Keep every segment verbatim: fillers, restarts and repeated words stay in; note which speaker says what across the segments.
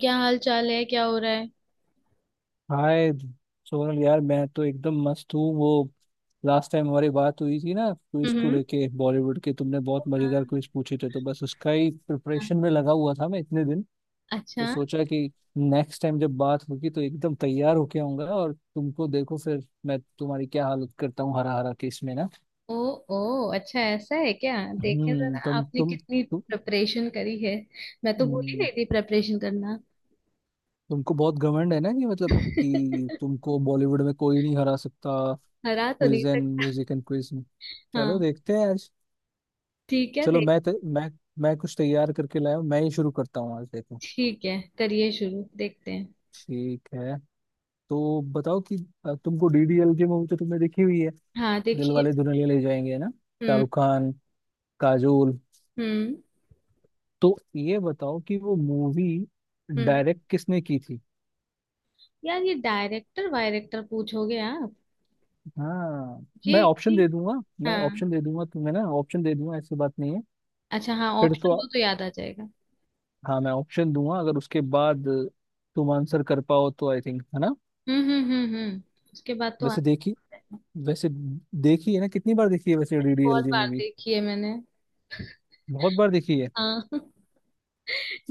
Speaker 1: क्या हाल चाल है? क्या हो रहा है?
Speaker 2: हाय। सोनल यार मैं तो एकदम मस्त हूँ। वो लास्ट टाइम हमारी बात हुई थी ना, क्विज को
Speaker 1: हम्म।
Speaker 2: लेके बॉलीवुड के तुमने बहुत मजेदार क्विज पूछे थे, तो बस उसका ही
Speaker 1: हाँ।
Speaker 2: प्रिपरेशन में लगा हुआ था मैं इतने दिन। तो
Speaker 1: अच्छा।
Speaker 2: सोचा कि नेक्स्ट टाइम जब बात होगी तो एकदम तैयार होके आऊंगा, और तुमको देखो फिर मैं तुम्हारी क्या हालत करता हूँ हरा हरा केस में ना।
Speaker 1: ओ। ओ, अच्छा ऐसा है क्या? देखें
Speaker 2: हम्म
Speaker 1: जरा
Speaker 2: तुम
Speaker 1: आपने
Speaker 2: तुम
Speaker 1: कितनी
Speaker 2: तुम
Speaker 1: प्रिपरेशन करी है। मैं तो भूल ही
Speaker 2: हम्म।
Speaker 1: गई थी प्रिपरेशन करना।
Speaker 2: तुमको बहुत घमंड है ना, कि मतलब कि तुमको बॉलीवुड में कोई नहीं हरा सकता।
Speaker 1: हरा तो नहीं
Speaker 2: क्विज एंड
Speaker 1: सकता।
Speaker 2: म्यूजिक एंड क्विज में, चलो
Speaker 1: हाँ,
Speaker 2: देखते हैं आज।
Speaker 1: ठीक है
Speaker 2: चलो
Speaker 1: देख।
Speaker 2: मैं त, मैं मैं कुछ तैयार करके लाया हूँ, मैं ही शुरू करता हूँ आज देखो।
Speaker 1: ठीक है, करिए शुरू, देखते हैं।
Speaker 2: ठीक है। तो बताओ कि अ, तुमको डीडीएल की मूवी तो तुमने देखी हुई है।
Speaker 1: हाँ,
Speaker 2: दिल
Speaker 1: देखिए।
Speaker 2: वाले दुल्हनिया ले जाएंगे, है ना।
Speaker 1: हम्म।
Speaker 2: शाहरुख खान, काजोल।
Speaker 1: हम्म।
Speaker 2: तो ये बताओ कि वो मूवी
Speaker 1: हम्म।
Speaker 2: डायरेक्ट किसने की थी।
Speaker 1: यार, ये डायरेक्टर वायरेक्टर पूछोगे आप?
Speaker 2: हाँ,
Speaker 1: ये
Speaker 2: मैं ऑप्शन
Speaker 1: ये-
Speaker 2: दे दूंगा। मैं
Speaker 1: हाँ।
Speaker 2: ऑप्शन दे दूंगा तुम्हें ना, ऑप्शन दे दूंगा, ऐसी बात नहीं है।
Speaker 1: अच्छा, हाँ
Speaker 2: फिर तो,
Speaker 1: ऑप्शन दो तो याद आ जाएगा।
Speaker 2: हाँ मैं ऑप्शन दूंगा अगर, उसके बाद तुम आंसर कर पाओ तो आई थिंक, है ना।
Speaker 1: हम्म, हम्म, हम्म, हम्म। उसके बाद तो
Speaker 2: वैसे
Speaker 1: आंसर।
Speaker 2: देखी वैसे देखी है ना, कितनी बार देखी है वैसे
Speaker 1: बहुत
Speaker 2: डीडीएलजे
Speaker 1: बार
Speaker 2: मूवी।
Speaker 1: देखी है मैंने।
Speaker 2: बहुत बार देखी है।
Speaker 1: हाँ।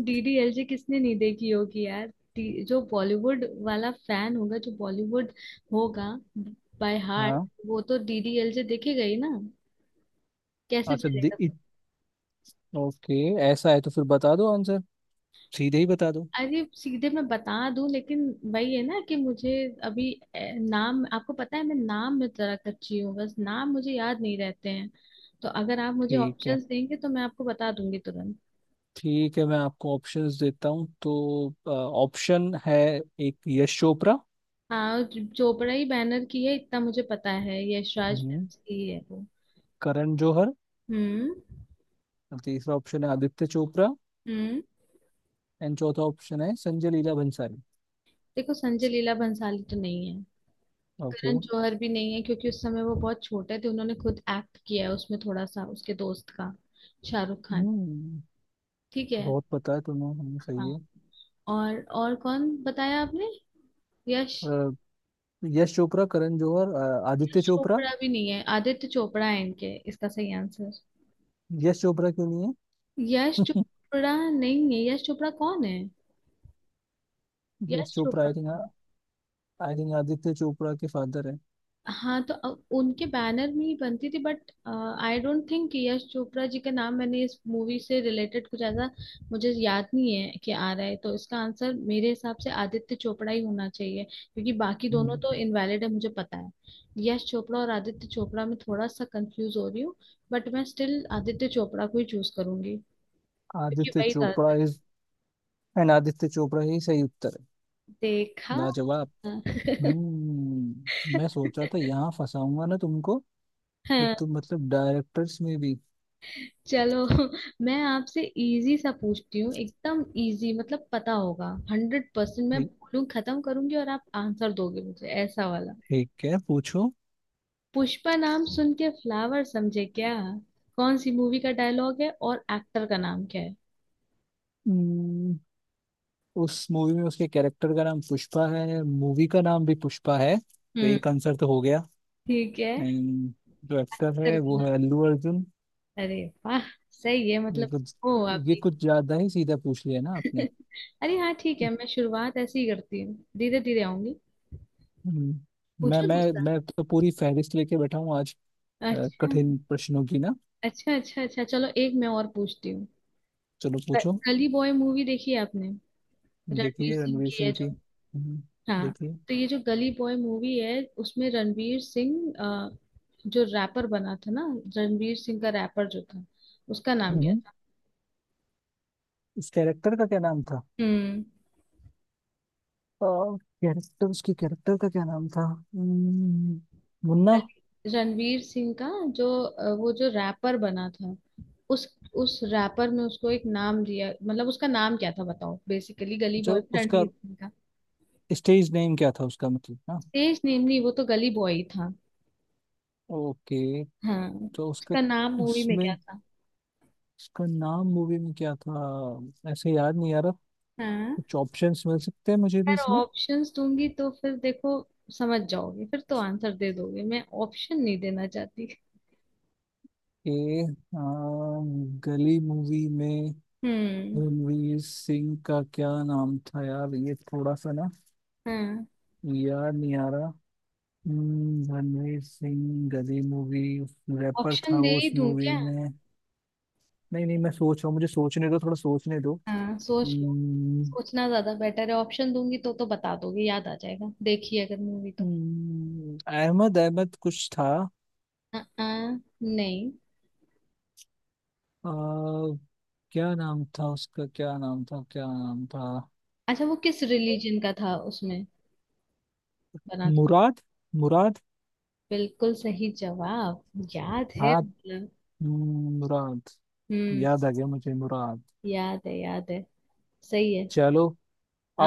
Speaker 1: डीडीएलजे किसने नहीं देखी होगी यार। डी- जो बॉलीवुड वाला फैन होगा, जो बॉलीवुड होगा बाय हार्ट,
Speaker 2: हाँ।
Speaker 1: वो तो डीडीएलजे देखेगा ही ना। कैसे
Speaker 2: अच्छा दे,
Speaker 1: चलेगा।
Speaker 2: ओके। ऐसा है तो फिर बता दो आंसर, सीधे ही बता दो।
Speaker 1: अरे सीधे मैं बता दूं, लेकिन वही है ना कि मुझे अभी ए, नाम आपको पता है। मैं नाम में जरा कच्ची हूँ, बस नाम मुझे याद नहीं रहते हैं। तो अगर आप मुझे
Speaker 2: ठीक है।
Speaker 1: ऑप्शंस देंगे तो मैं आपको बता दूंगी तुरंत।
Speaker 2: ठीक है मैं आपको ऑप्शंस देता हूँ तो। ऑप्शन है एक, यश चोपड़ा।
Speaker 1: हाँ, जो- चोपड़ा ही बैनर की है, इतना मुझे पता है। यश राज
Speaker 2: हम्म,
Speaker 1: फिल्म्स की ही है वो।
Speaker 2: करण जौहर।
Speaker 1: हम्म।
Speaker 2: और तीसरा ऑप्शन है आदित्य चोपड़ा।
Speaker 1: हम्म।
Speaker 2: एंड चौथा ऑप्शन है संजय लीला भंसाली।
Speaker 1: देखो, संजय लीला भंसाली तो नहीं है।
Speaker 2: ओके।
Speaker 1: करण जौहर भी नहीं है, क्योंकि उस समय वो बहुत छोटे थे। उन्होंने खुद एक्ट किया है उसमें थोड़ा सा, उसके दोस्त का, शाहरुख खान। ठीक है।
Speaker 2: बहुत पता है तुम्हें, हम्म, सही
Speaker 1: हाँ।
Speaker 2: है।
Speaker 1: और और कौन बताया आपने? यश।
Speaker 2: अ, यश चोपड़ा, करण जौहर, अ, आदित्य
Speaker 1: यश
Speaker 2: चोपड़ा।
Speaker 1: चोपड़ा भी नहीं है, आदित्य चोपड़ा है इनके, इसका सही आंसर।
Speaker 2: यश चोपड़ा क्यों नहीं।
Speaker 1: यश
Speaker 2: है।
Speaker 1: चोपड़ा नहीं है। यश चोपड़ा कौन है?
Speaker 2: यश
Speaker 1: यश
Speaker 2: चोपड़ा
Speaker 1: चोपड़ा
Speaker 2: आई थिंक,
Speaker 1: कौन।
Speaker 2: आई थिंक आदित्य चोपड़ा के फादर है।
Speaker 1: हाँ तो अ- उनके बैनर में ही बनती थी, but I don't think Yash Chopra ji का नाम मैंने इस मूवी से रिलेटेड कुछ ऐसा मुझे याद नहीं है कि आ रहा है। तो इसका आंसर मेरे हिसाब से आदित्य चोपड़ा ही होना चाहिए, क्योंकि बाकी दोनों
Speaker 2: हम्म,
Speaker 1: तो इनवैलिड है मुझे पता है। यश चोपड़ा और आदित्य चोपड़ा में थोड़ा सा कंफ्यूज हो रही हूँ, बट मैं स्टिल आदित्य चोपड़ा को ही चूज करूंगी, क्योंकि
Speaker 2: आदित्य
Speaker 1: वही था।
Speaker 2: चोपड़ा इज, एंड आदित्य चोपड़ा ही सही उत्तर है।
Speaker 1: देखा।
Speaker 2: लाजवाब। हम्म मैं सोचा था यहाँ फंसाऊंगा ना तुमको। फिर
Speaker 1: हाँ।
Speaker 2: तुम मतलब डायरेक्टर्स में भी।
Speaker 1: चलो। मैं आपसे इजी सा पूछती हूँ, एकदम इजी, मतलब पता होगा। Hundred percent. मैं
Speaker 2: ठी-
Speaker 1: बोलूँ खत्म करूंगी और आप आंसर दोगे मुझे, ऐसा वाला।
Speaker 2: ठीक है, पूछो।
Speaker 1: पुष्पा नाम सुन के फ्लावर समझे क्या, कौन सी मूवी का डायलॉग है और एक्टर का नाम क्या है?
Speaker 2: हम्म, उस मूवी में उसके कैरेक्टर का नाम पुष्पा है, मूवी का नाम भी पुष्पा है, तो
Speaker 1: हम्म।
Speaker 2: एक आंसर तो हो गया।
Speaker 1: ठीक है।
Speaker 2: एंड जो एक्टर
Speaker 1: एक्टर
Speaker 2: है
Speaker 1: का
Speaker 2: वो
Speaker 1: नाम,
Speaker 2: है अल्लू अर्जुन।
Speaker 1: अरे वाह सही है
Speaker 2: ये
Speaker 1: मतलब।
Speaker 2: कुछ,
Speaker 1: ओ, आप
Speaker 2: ये
Speaker 1: भी।
Speaker 2: कुछ ज्यादा ही सीधा पूछ लिया ना आपने।
Speaker 1: अरे हाँ ठीक है, मैं शुरुआत ऐसे ही करती हूँ, धीरे धीरे आऊंगी।
Speaker 2: हम्म, मैं
Speaker 1: पूछो
Speaker 2: मैं
Speaker 1: दूसरा।
Speaker 2: मैं तो पूरी फहरिस्त लेके बैठा हूँ आज, अ,
Speaker 1: अच्छा,
Speaker 2: कठिन प्रश्नों की ना।
Speaker 1: अच्छा, अच्छा, अच्छा, चलो एक मैं और पूछती हूँ।
Speaker 2: चलो
Speaker 1: ग-
Speaker 2: पूछो।
Speaker 1: गली बॉय मूवी देखी है आपने? रणवीर
Speaker 2: देखिए
Speaker 1: सिंह
Speaker 2: रणवीर
Speaker 1: की
Speaker 2: सिंह
Speaker 1: है
Speaker 2: की,
Speaker 1: जो।
Speaker 2: हम्म,
Speaker 1: हाँ,
Speaker 2: देखिए।
Speaker 1: तो ये जो गली बॉय मूवी है, उसमें रणवीर सिंह अ, जो रैपर बना था ना, रणवीर सिंह का रैपर जो था, उसका नाम क्या
Speaker 2: हम्म,
Speaker 1: था?
Speaker 2: इस कैरेक्टर का क्या नाम था।
Speaker 1: हम्म।
Speaker 2: कैरेक्टर, उसके कैरेक्टर का क्या नाम था, हम्म, मुन्ना।
Speaker 1: गली- रणवीर सिंह का जो अ, वो जो रैपर बना था, उस उस रैपर में उसको एक नाम दिया, मतलब उसका नाम क्या था बताओ। बेसिकली गली
Speaker 2: अच्छा,
Speaker 1: बॉय
Speaker 2: उसका
Speaker 1: रणवीर सिंह का।
Speaker 2: स्टेज नेम क्या था उसका, मतलब ना।
Speaker 1: स्टेज नेम नहीं, वो तो गली बॉय ही था।
Speaker 2: ओके।
Speaker 1: हाँ।
Speaker 2: तो उसका,
Speaker 1: उसका नाम मूवी में
Speaker 2: उसमें
Speaker 1: क्या था?
Speaker 2: इसका नाम मूवी में क्या था, ऐसे याद नहीं आ रहा।
Speaker 1: हाँ।
Speaker 2: कुछ ऑप्शंस मिल सकते हैं मुझे भी
Speaker 1: यार
Speaker 2: इसमें।
Speaker 1: ऑप्शंस दूंगी तो फिर देखो समझ जाओगे, फिर तो आंसर दे दोगे। मैं ऑप्शन नहीं देना चाहती।
Speaker 2: ए, गली मूवी में
Speaker 1: हम्म।
Speaker 2: रणवीर सिंह का क्या नाम था, यार ये थोड़ा सा ना
Speaker 1: हाँ,
Speaker 2: याद नहीं आ रहा। हम्म, रणवीर सिंह, गली मूवी, रैपर था
Speaker 1: ऑप्शन दे
Speaker 2: वो
Speaker 1: ही
Speaker 2: उस
Speaker 1: दूं
Speaker 2: मूवी
Speaker 1: क्या?
Speaker 2: में। नहीं नहीं, मैं सोच रहा हूँ, मुझे सोचने दो, थोड़ा सोचने दो।
Speaker 1: हाँ, सोच लो।
Speaker 2: हम्म,
Speaker 1: सोचना ज्यादा बेटर है, ऑप्शन दूंगी तो तो बता दोगे, याद आ जाएगा देखी अगर मूवी तो।
Speaker 2: हम्म, अहमद अहमद कुछ था।
Speaker 1: हाँ। हाँ, नहीं।
Speaker 2: आ, क्या नाम था उसका, क्या नाम था, क्या नाम था।
Speaker 1: अच्छा, वो किस रिलीजन का था उसमें बना था?
Speaker 2: मुराद, मुराद।
Speaker 1: बिल्कुल सही जवाब, याद है
Speaker 2: हाँ,
Speaker 1: मतलब।
Speaker 2: हम्म, मुराद।
Speaker 1: हम्म।
Speaker 2: याद आ गया मुझे, मुराद।
Speaker 1: याद है, याद है। सही है।
Speaker 2: चलो,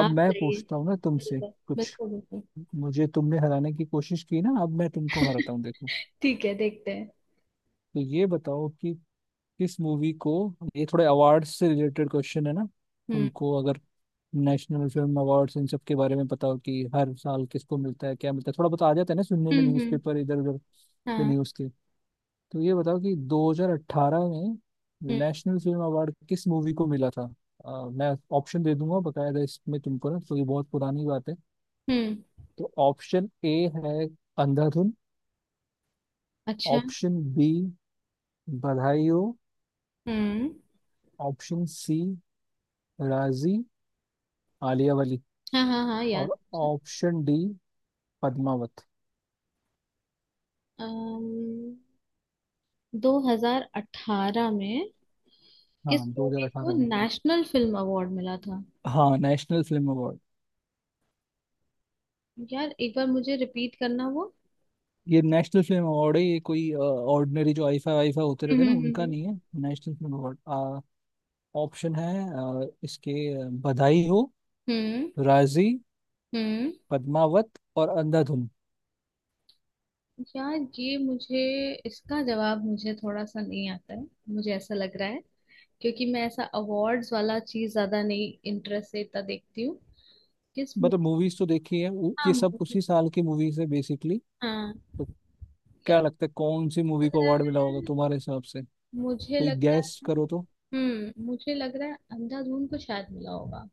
Speaker 2: अब मैं
Speaker 1: सही है।
Speaker 2: पूछता हूँ ना तुमसे
Speaker 1: बिल्कुल,
Speaker 2: कुछ।
Speaker 1: बिल्कुल, बिल्कुल।
Speaker 2: मुझे तुमने हराने की कोशिश की ना, अब मैं तुमको हराता हूँ देखो।
Speaker 1: ठीक है, देखते हैं।
Speaker 2: तो ये बताओ कि किस मूवी को, ये थोड़े अवार्ड से रिलेटेड क्वेश्चन है ना।
Speaker 1: हम्म।
Speaker 2: तुमको अगर नेशनल फिल्म अवार्ड्स इन सब के बारे में पता हो कि हर साल किसको मिलता है क्या मिलता है, थोड़ा बहुत आ जाता है ना सुनने में,
Speaker 1: हम्म। हम्म।
Speaker 2: न्यूज़पेपर इधर उधर या
Speaker 1: हाँ।
Speaker 2: न्यूज़ के। तो ये बताओ कि दो हज़ार अठारह में
Speaker 1: हम्म।
Speaker 2: नेशनल फिल्म अवार्ड किस मूवी को मिला था। अ, मैं ऑप्शन दे दूंगा बकायदा इसमें तुमको ना, तो ये बहुत पुरानी बात है।
Speaker 1: हम्म।
Speaker 2: तो ऑप्शन ए है, अंधाधुन।
Speaker 1: अच्छा।
Speaker 2: ऑप्शन बी, बधाई हो।
Speaker 1: हम्म।
Speaker 2: ऑप्शन सी, राजी, आलिया वली।
Speaker 1: हाँ, हाँ, हाँ, याद।
Speaker 2: और ऑप्शन डी, पद्मावत।
Speaker 1: दो हजार अठारह में
Speaker 2: हाँ,
Speaker 1: किस मूवी को
Speaker 2: दो हज़ार अठारह में।
Speaker 1: नेशनल फिल्म अवार्ड मिला था?
Speaker 2: हाँ, नेशनल फिल्म अवार्ड।
Speaker 1: यार, एक बार मुझे रिपीट करना वो।
Speaker 2: ये नेशनल फिल्म अवार्ड है, ये कोई ऑर्डिनरी जो आईफा वाईफा होते रहते हैं
Speaker 1: हम्म।
Speaker 2: ना, उनका
Speaker 1: हम्म।
Speaker 2: नहीं है। National film award. ऑप्शन है, अ, इसके, अ, बधाई हो,
Speaker 1: हम्म, हम्म।
Speaker 2: राजी,
Speaker 1: हम्म।
Speaker 2: पद्मावत और अंधाधुन।
Speaker 1: यार, ये मुझे, इसका जवाब मुझे थोड़ा सा नहीं आता है, मुझे ऐसा लग रहा है, क्योंकि मैं ऐसा अवार्ड्स वाला चीज ज्यादा नहीं इंटरेस्ट से इतना देखती हूँ। किस
Speaker 2: मतलब
Speaker 1: मूवी।
Speaker 2: मूवीज तो देखी है, वो-
Speaker 1: हाँ।
Speaker 2: ये सब
Speaker 1: movie-
Speaker 2: उसी साल की मूवीज है बेसिकली।
Speaker 1: हाँ।
Speaker 2: तो क्या
Speaker 1: यार,
Speaker 2: लगता है कौन सी मूवी
Speaker 1: लग
Speaker 2: को
Speaker 1: रहा
Speaker 2: अवार्ड मिला होगा
Speaker 1: है,
Speaker 2: तुम्हारे हिसाब से।
Speaker 1: मुझे
Speaker 2: कोई
Speaker 1: लगता है।
Speaker 2: गैस करो तो।
Speaker 1: हम्म। मुझे लग रहा है अंधाधुन को शायद मिला होगा।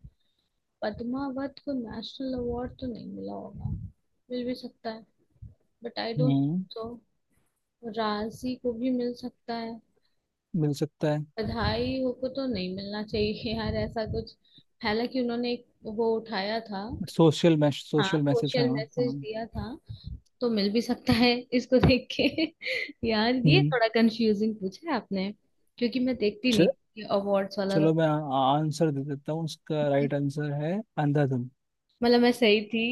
Speaker 1: पद्मावत को नेशनल अवार्ड तो नहीं मिला होगा, मिल भी सकता है, but I don't.
Speaker 2: Hmm,
Speaker 1: so, Raazi को भी मिल सकता है।
Speaker 2: मिल सकता है।
Speaker 1: बधाई हो को तो नहीं मिलना चाहिए यार, ऐसा कुछ। हालांकि उन्होंने एक वो उठाया था।
Speaker 2: सोशल मैश
Speaker 1: हाँ,
Speaker 2: सोशल मैसेज, हाँ
Speaker 1: सोशल मैसेज
Speaker 2: हाँ।
Speaker 1: दिया था, तो मिल भी सकता है इसको देख के। यार, ये
Speaker 2: हम्म
Speaker 1: थोड़ा कंफ्यूजिंग पूछा है आपने, क्योंकि मैं देखती
Speaker 2: च,
Speaker 1: नहीं ये अवार्ड्स वाला।
Speaker 2: चलो, मैं आंसर दे देता हूँ इसका,
Speaker 1: तो-
Speaker 2: राइट आंसर है अंधाधुन।
Speaker 1: मतलब मैं सही थी।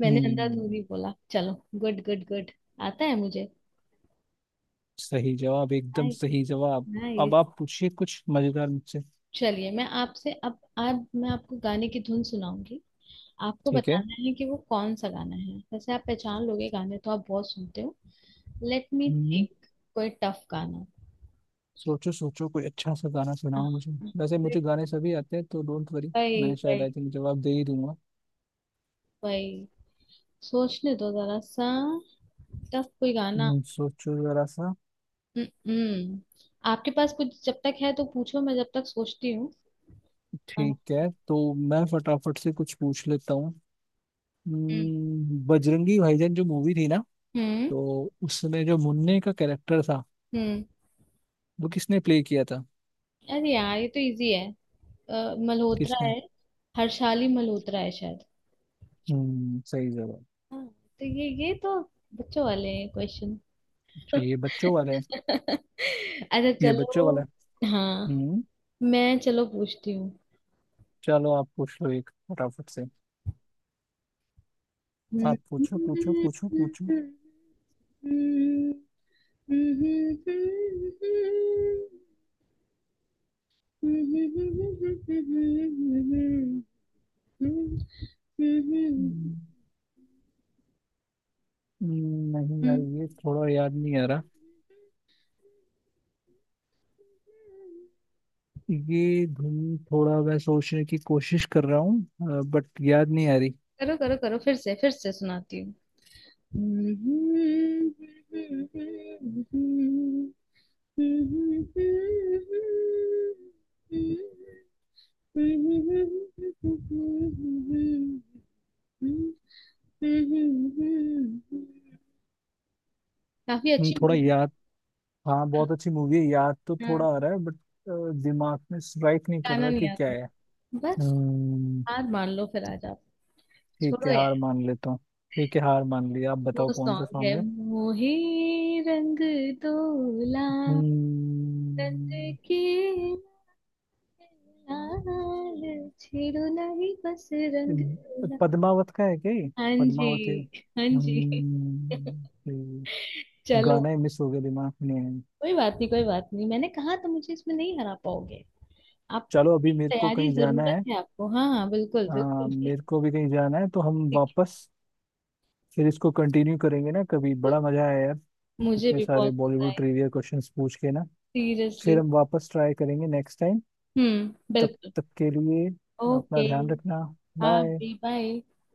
Speaker 1: मैंने
Speaker 2: हम्म
Speaker 1: अंधाधुंधी बोला, चलो। Good, good, good. आता है मुझे।
Speaker 2: सही जवाब, एकदम
Speaker 1: नाइस।
Speaker 2: सही जवाब। अब
Speaker 1: नाइस।
Speaker 2: आप पूछिए कुछ मजेदार मुझसे।
Speaker 1: चलिए, मैं आपसे, अब आज मैं आपको गाने की धुन सुनाऊंगी, आपको
Speaker 2: ठीक है।
Speaker 1: बताना है कि वो कौन सा गाना है। वैसे आप पहचान लोगे, गाने तो आप बहुत सुनते हो। Let me
Speaker 2: hmm
Speaker 1: think. कोई टफ गाना।
Speaker 2: सोचो सोचो कोई अच्छा सा गाना सुनाओ
Speaker 1: हाँ।
Speaker 2: मुझे। वैसे मुझे गाने सभी आते हैं तो डोंट वरी,
Speaker 1: वही,
Speaker 2: मैं शायद आई
Speaker 1: वही,
Speaker 2: थिंक जवाब दे ही दूंगा।
Speaker 1: वही। सोचने दो जरा सा, टफ कोई गाना।
Speaker 2: हम्म, सोचो जरा सा।
Speaker 1: हम्म। हम्म। आपके पास कुछ जब तक है तो पूछो, मैं जब तक सोचती हूँ। अ,
Speaker 2: ठीक है, तो मैं फटाफट से कुछ पूछ लेता हूँ।
Speaker 1: हम्म।
Speaker 2: हम्म, बजरंगी भाईजान जो मूवी थी ना,
Speaker 1: हम्म।
Speaker 2: तो उसमें जो मुन्ने का कैरेक्टर था,
Speaker 1: हम्म।
Speaker 2: वो किसने प्ले किया था।
Speaker 1: अरे यार, ये तो इजी है। अ, मल्होत्रा
Speaker 2: किसने।
Speaker 1: है। हर्षाली मल्होत्रा है शायद।
Speaker 2: हम्म सही जवाब।
Speaker 1: हाँ, तो ये ये तो बच्चों वाले हैं क्वेश्चन।
Speaker 2: अच्छा ये बच्चों वाला है।
Speaker 1: अच्छा
Speaker 2: ये बच्चों
Speaker 1: चलो।
Speaker 2: वाला है।
Speaker 1: हाँ।
Speaker 2: हम्म।
Speaker 1: मैं, चलो, पूछती हूँ।
Speaker 2: चलो आप पूछ लो एक फटाफट से।
Speaker 1: हम्म।
Speaker 2: आप पूछो
Speaker 1: हम्म,
Speaker 2: पूछो पूछो
Speaker 1: हम्म,
Speaker 2: पूछो।
Speaker 1: हम्म। हम्म। करो,
Speaker 2: हम्म, हम्म, नहीं यार, ये थोड़ा याद नहीं आ रहा। ये धुन, थोड़ा मैं सोचने की कोशिश कर रहा हूँ बट याद नहीं आ रही।
Speaker 1: करो, करो। फिर से, फिर से सुनाती हूँ, काफी
Speaker 2: हम्म,
Speaker 1: अच्छी
Speaker 2: थोड़ा
Speaker 1: मूवी।
Speaker 2: याद। हाँ, बहुत अच्छी मूवी है, याद तो थोड़ा
Speaker 1: हाँ।
Speaker 2: आ रहा है बट दिमाग में स्ट्राइक नहीं कर
Speaker 1: गाना
Speaker 2: रहा
Speaker 1: नहीं
Speaker 2: कि
Speaker 1: आ
Speaker 2: क्या
Speaker 1: रहा
Speaker 2: है।
Speaker 1: बस?
Speaker 2: हम्म,
Speaker 1: हार मान लो फिर आज आप।
Speaker 2: ठीक है
Speaker 1: छोड़ो
Speaker 2: हार
Speaker 1: यार।
Speaker 2: मान लेता हूँ। ठीक है, हार मान लिया, आप
Speaker 1: वो
Speaker 2: बताओ कौन सा
Speaker 1: सॉन्ग है,
Speaker 2: सॉन्ग है।
Speaker 1: मोहे रंग तोला, रंग
Speaker 2: हम्म
Speaker 1: के लाल छेड़ो नहीं बस। रंग तोला।
Speaker 2: पद्मावत का है क्या ये।
Speaker 1: हाँ जी।
Speaker 2: पद्मावत है,
Speaker 1: हाँ जी।
Speaker 2: हम्म, ये
Speaker 1: चलो।
Speaker 2: गाना ही मिस हो गया दिमाग में।
Speaker 1: कोई बात नहीं, कोई बात नहीं, मैंने कहा तो मुझे इसमें नहीं हरा पाओगे आप।
Speaker 2: चलो, अभी
Speaker 1: की
Speaker 2: मेरे को
Speaker 1: तैयारी
Speaker 2: कहीं जाना
Speaker 1: जरूरत
Speaker 2: है।
Speaker 1: है आपको। हाँ, हाँ, बिल्कुल,
Speaker 2: आ,
Speaker 1: बिल्कुल।
Speaker 2: मेरे को भी कहीं जाना है, तो हम
Speaker 1: ठीक।
Speaker 2: वापस फिर इसको कंटिन्यू करेंगे ना कभी।
Speaker 1: है
Speaker 2: बड़ा मजा आया यार,
Speaker 1: मुझे
Speaker 2: इतने
Speaker 1: भी
Speaker 2: सारे
Speaker 1: बहुत मजा
Speaker 2: बॉलीवुड
Speaker 1: आया।
Speaker 2: ट्रिविया क्वेश्चंस पूछ के ना। फिर
Speaker 1: सीरियसली।
Speaker 2: हम वापस ट्राई करेंगे नेक्स्ट टाइम।
Speaker 1: हम्म,
Speaker 2: तब
Speaker 1: बिल्कुल।
Speaker 2: तक के लिए
Speaker 1: ओके।
Speaker 2: अपना ध्यान रखना।
Speaker 1: हाँ,
Speaker 2: बाय।
Speaker 1: बी बाय।